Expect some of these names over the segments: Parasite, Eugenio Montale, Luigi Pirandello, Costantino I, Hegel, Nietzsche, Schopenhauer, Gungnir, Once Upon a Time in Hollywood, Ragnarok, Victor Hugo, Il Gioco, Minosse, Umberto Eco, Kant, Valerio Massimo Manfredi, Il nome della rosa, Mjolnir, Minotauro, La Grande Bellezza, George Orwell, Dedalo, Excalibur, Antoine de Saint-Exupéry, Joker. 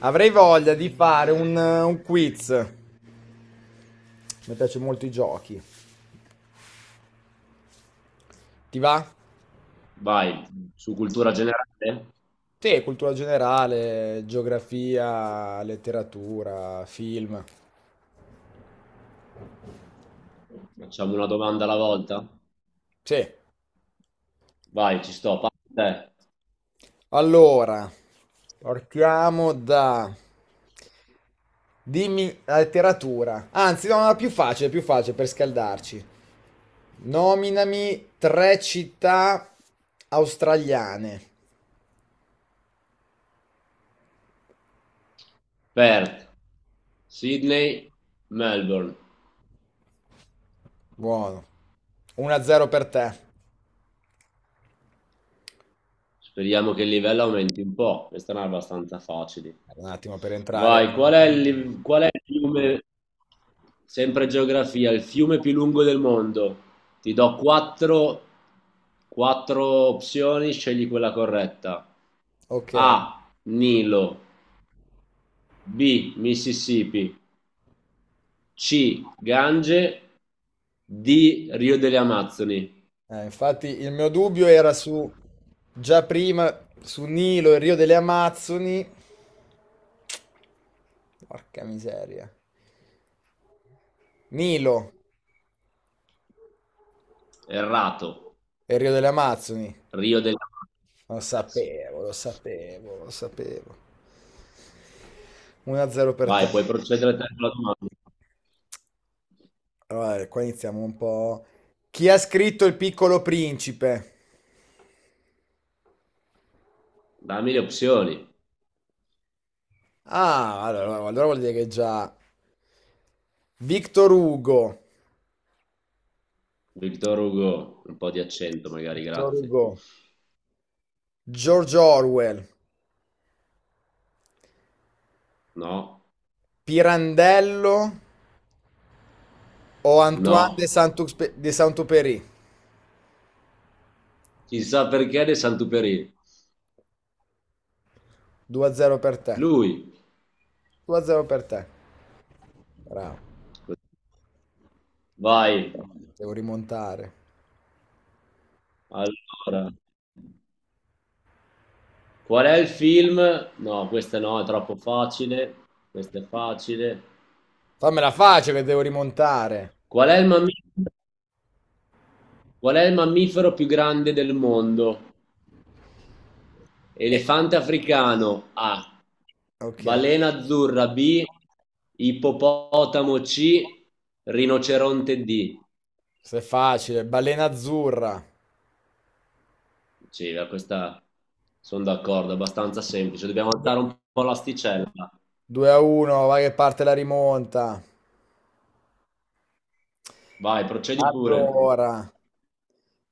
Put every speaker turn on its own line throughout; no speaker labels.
Avrei voglia di fare un quiz. Mi piace molto i giochi. Ti va?
Vai, su cultura generale,
Sì, cultura generale, geografia, letteratura, film.
facciamo una domanda alla volta.
Sì.
Vai, ci sto. Parte te.
Allora, partiamo da... Dimmi la letteratura. Anzi, no, no, più facile per scaldarci. Nominami tre città australiane.
Perth, Sydney, Melbourne.
Buono. 1-0 per te.
Speriamo che il livello aumenti un po'. Queste erano abbastanza facili.
Un attimo per entrare.
Vai, qual è il, qual è il fiume, sempre geografia, il fiume più lungo del mondo? Ti do quattro opzioni, scegli quella corretta.
Ok.
A, Nilo, B, Mississippi, C. Gange. D. Rio delle Amazzoni.
Infatti il mio dubbio era su già prima su Nilo e Rio delle Amazzoni. Porca miseria. Nilo
Errato.
e Rio delle Amazzoni.
Rio delle
Lo
Amazzoni.
sapevo, lo
Sì.
sapevo, lo sapevo. 1-0 per
Vai,
te.
puoi procedere te con la domanda.
Allora, qua iniziamo un po'. Chi ha scritto Il Piccolo Principe?
Dammi le opzioni.
Ah, allora vuol dire che già Victor Hugo.
Victor Hugo, un po' di accento magari,
Victor
grazie.
Hugo. George Orwell,
No,
Pirandello o Antoine
no.
de Saint-Exupéry?
Chissà perché De Santuperi.
2-0 per te.
Lui.
2-0 per te. Bravo.
Vai.
Devo rimontare.
Allora, qual è il film? No, questa no, è troppo facile. Questa è facile.
Fammela facile che devo rimontare.
Qual è il mammifero? Qual è il mammifero più grande del mondo?
Eh,
Elefante africano A,
Ok.
balena azzurra B, ippopotamo C, rinoceronte D.
Se è facile. Balena azzurra.
Sì, beh, questa sono d'accordo, è abbastanza semplice. Dobbiamo alzare un po' l'asticella.
2-1, vai che parte la rimonta.
Vai, procedi pure.
Allora,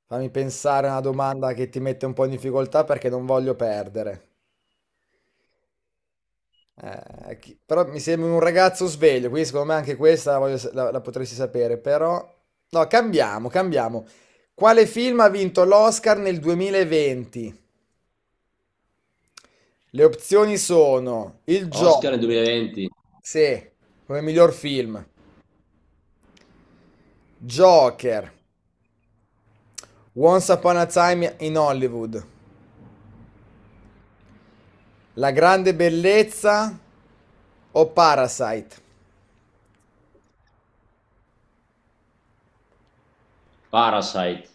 fammi pensare a una domanda che ti mette un po' in difficoltà perché non voglio perdere. Però mi sembra un ragazzo sveglio, quindi secondo me anche questa la, voglio sa- la- la potresti sapere, però. No, cambiamo, cambiamo. Quale film ha vinto l'Oscar nel 2020? Le opzioni sono Il
Oscar nel
Gioco,
2020,
sì, come miglior film, Joker, Once Upon a Time in Hollywood, La Grande Bellezza o Parasite?
Parasite.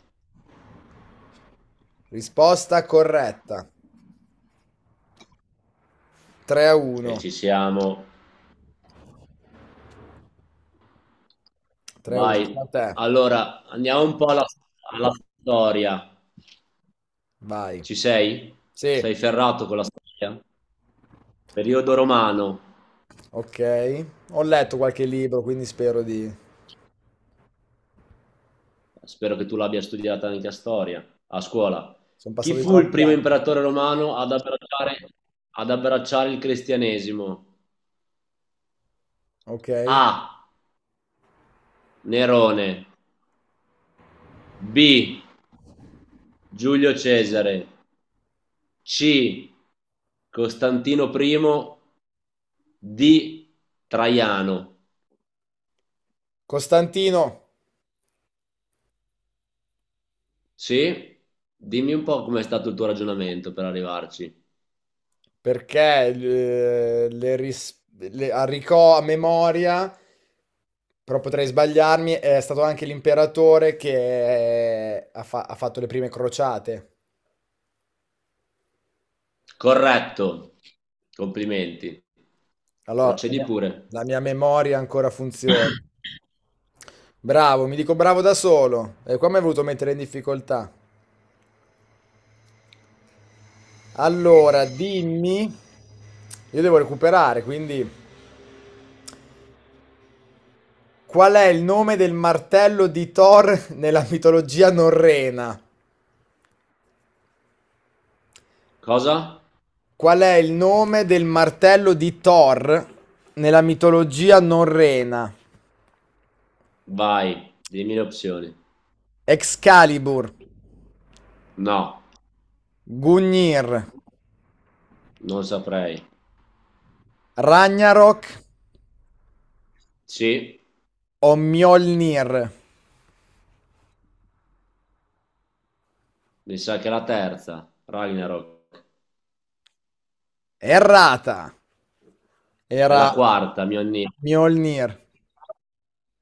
Risposta corretta. 3 a 1.
E ci siamo.
3 a 1.
Vai. Allora, andiamo un po' alla storia.
Vai.
Ci sei?
Sì,
Sei ferrato con la storia? Periodo romano.
ok. Ho letto qualche libro, quindi spero di.
Spero che tu l'abbia studiata anche a storia, a scuola.
Sono
Chi
passati
fu il
troppi
primo
anni.
imperatore romano ad ad abbracciare il cristianesimo?
Ok.
A. Nerone. B. Giulio Cesare. C. Costantino I. D. Traiano.
Costantino,
Sì? Dimmi un po' com'è stato il tuo ragionamento per arrivarci.
perché le, ris- le- a ricò- a memoria, però potrei sbagliarmi, è stato anche l'imperatore che ha fatto le prime crociate.
Corretto. Complimenti.
Allora, la
Procedi
mia
pure.
la mia memoria ancora funziona. Bravo, mi dico bravo da solo. E qua mi hai voluto mettere in difficoltà. Allora, dimmi, io devo recuperare, quindi qual è il nome del martello di Thor nella mitologia norrena?
Cosa?
Qual è il nome del martello di Thor nella mitologia norrena?
Vai, dimmi le opzioni.
Excalibur,
No,
Gungnir,
non saprei.
Ragnarok
Sì,
o Mjolnir?
mi sa che è la terza, Ragnarok.
Errata.
È la
Era
quarta, mio nino.
Mjolnir.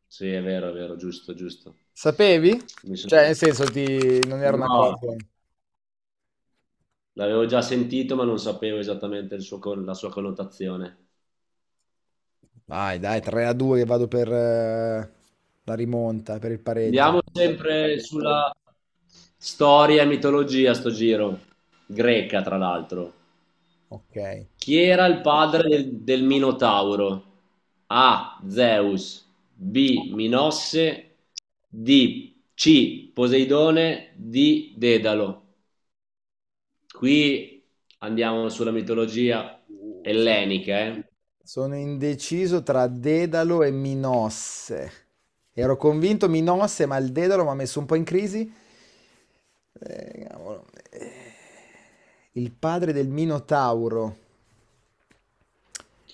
Sì, è vero, giusto, giusto.
Sapevi?
Mi sono-
Cioè, nel senso, non era una
No,
cosa.
l'avevo già sentito, ma non sapevo esattamente il suo la sua connotazione.
Vai, dai, 3 a 2 che vado per la rimonta, per il pareggio.
Andiamo sempre sulla storia e mitologia sto giro, greca tra l'altro.
Ok.
Chi era il padre del Minotauro? A. Zeus, B. Minosse, D. C. Poseidone, D. Dedalo. Qui andiamo sulla mitologia
Sì.
ellenica, eh?
Sono indeciso tra Dedalo e Minosse. Ero convinto Minosse, ma il Dedalo mi ha messo un po' in crisi. Cavolo. Eh, Il padre del Minotauro.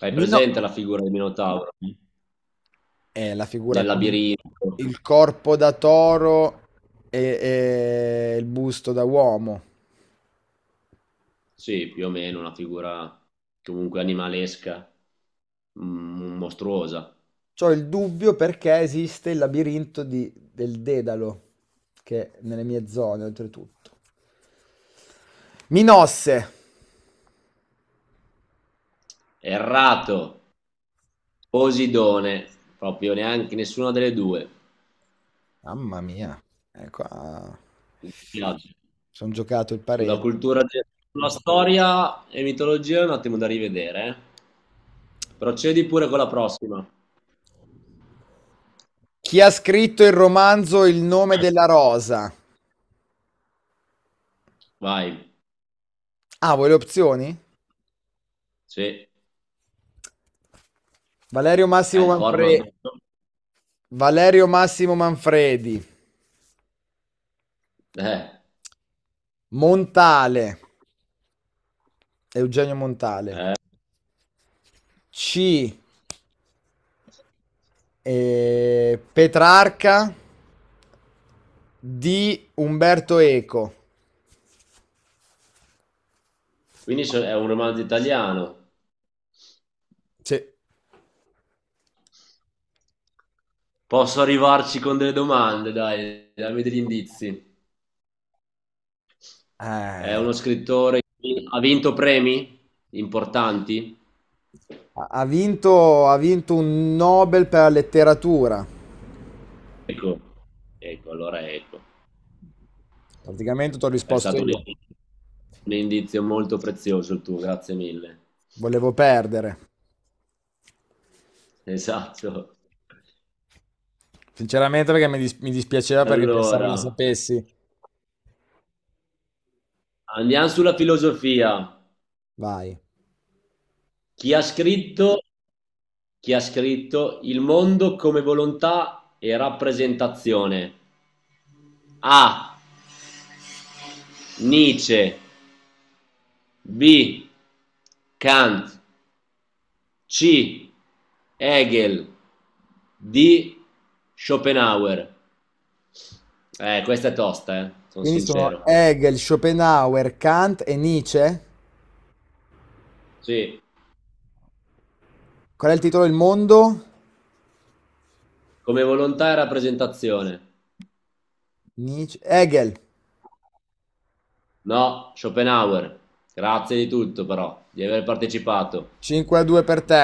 Hai
Mino
presente la figura del Minotauro
È la figura
nel
con
labirinto?
il corpo da toro e, e il busto da uomo.
Sì, più o meno una figura comunque animalesca, mostruosa.
C'ho il dubbio perché esiste il labirinto del Dedalo, che è nelle mie zone, oltretutto. Minosse!
Errato, Posidone, proprio neanche nessuna delle due.
Mamma mia, qua.
Mi dispiace.
Sono giocato il
Sulla
pareggio.
cultura, de- Sulla storia e mitologia è un attimo da rivedere, eh. Procedi pure con la prossima.
Chi ha scritto il romanzo Il nome della rosa?
Vai,
Ah, vuoi le opzioni?
sì,
Valerio
è
Massimo
il format.
Manfredi. Valerio Massimo Manfredi.
Eh.
Montale. Eugenio Montale. C, Petrarca. Di Umberto Eco.
Quindi è un romanzo italiano.
Sì.
Posso arrivarci con delle domande, dai, dammi degli indizi.
Ha
È uno scrittore, che ha vinto premi importanti?
ha vinto un Nobel per la letteratura.
Ecco, ecco, allora ecco.
Praticamente ti ho
È
risposto
stato
io.
un indizio molto prezioso il tuo, grazie mille.
Volevo perdere.
Esatto.
Sinceramente perché mi dispiaceva perché pensavo la
Allora,
sapessi.
andiamo sulla filosofia.
Vai.
Chi ha scritto, chi ha scritto Il mondo come volontà e rappresentazione? A. Nietzsche. B. Kant. C. Hegel. D. Schopenhauer. Questa è tosta, sono
Quindi sono
sincero.
Hegel, Schopenhauer, Kant e Nietzsche.
Sì,
Qual è il titolo del mondo?
come volontà e rappresentazione.
Nietzsche. Hegel.
No, Schopenhauer. Grazie di tutto però, di aver partecipato.
5 a 2 per te.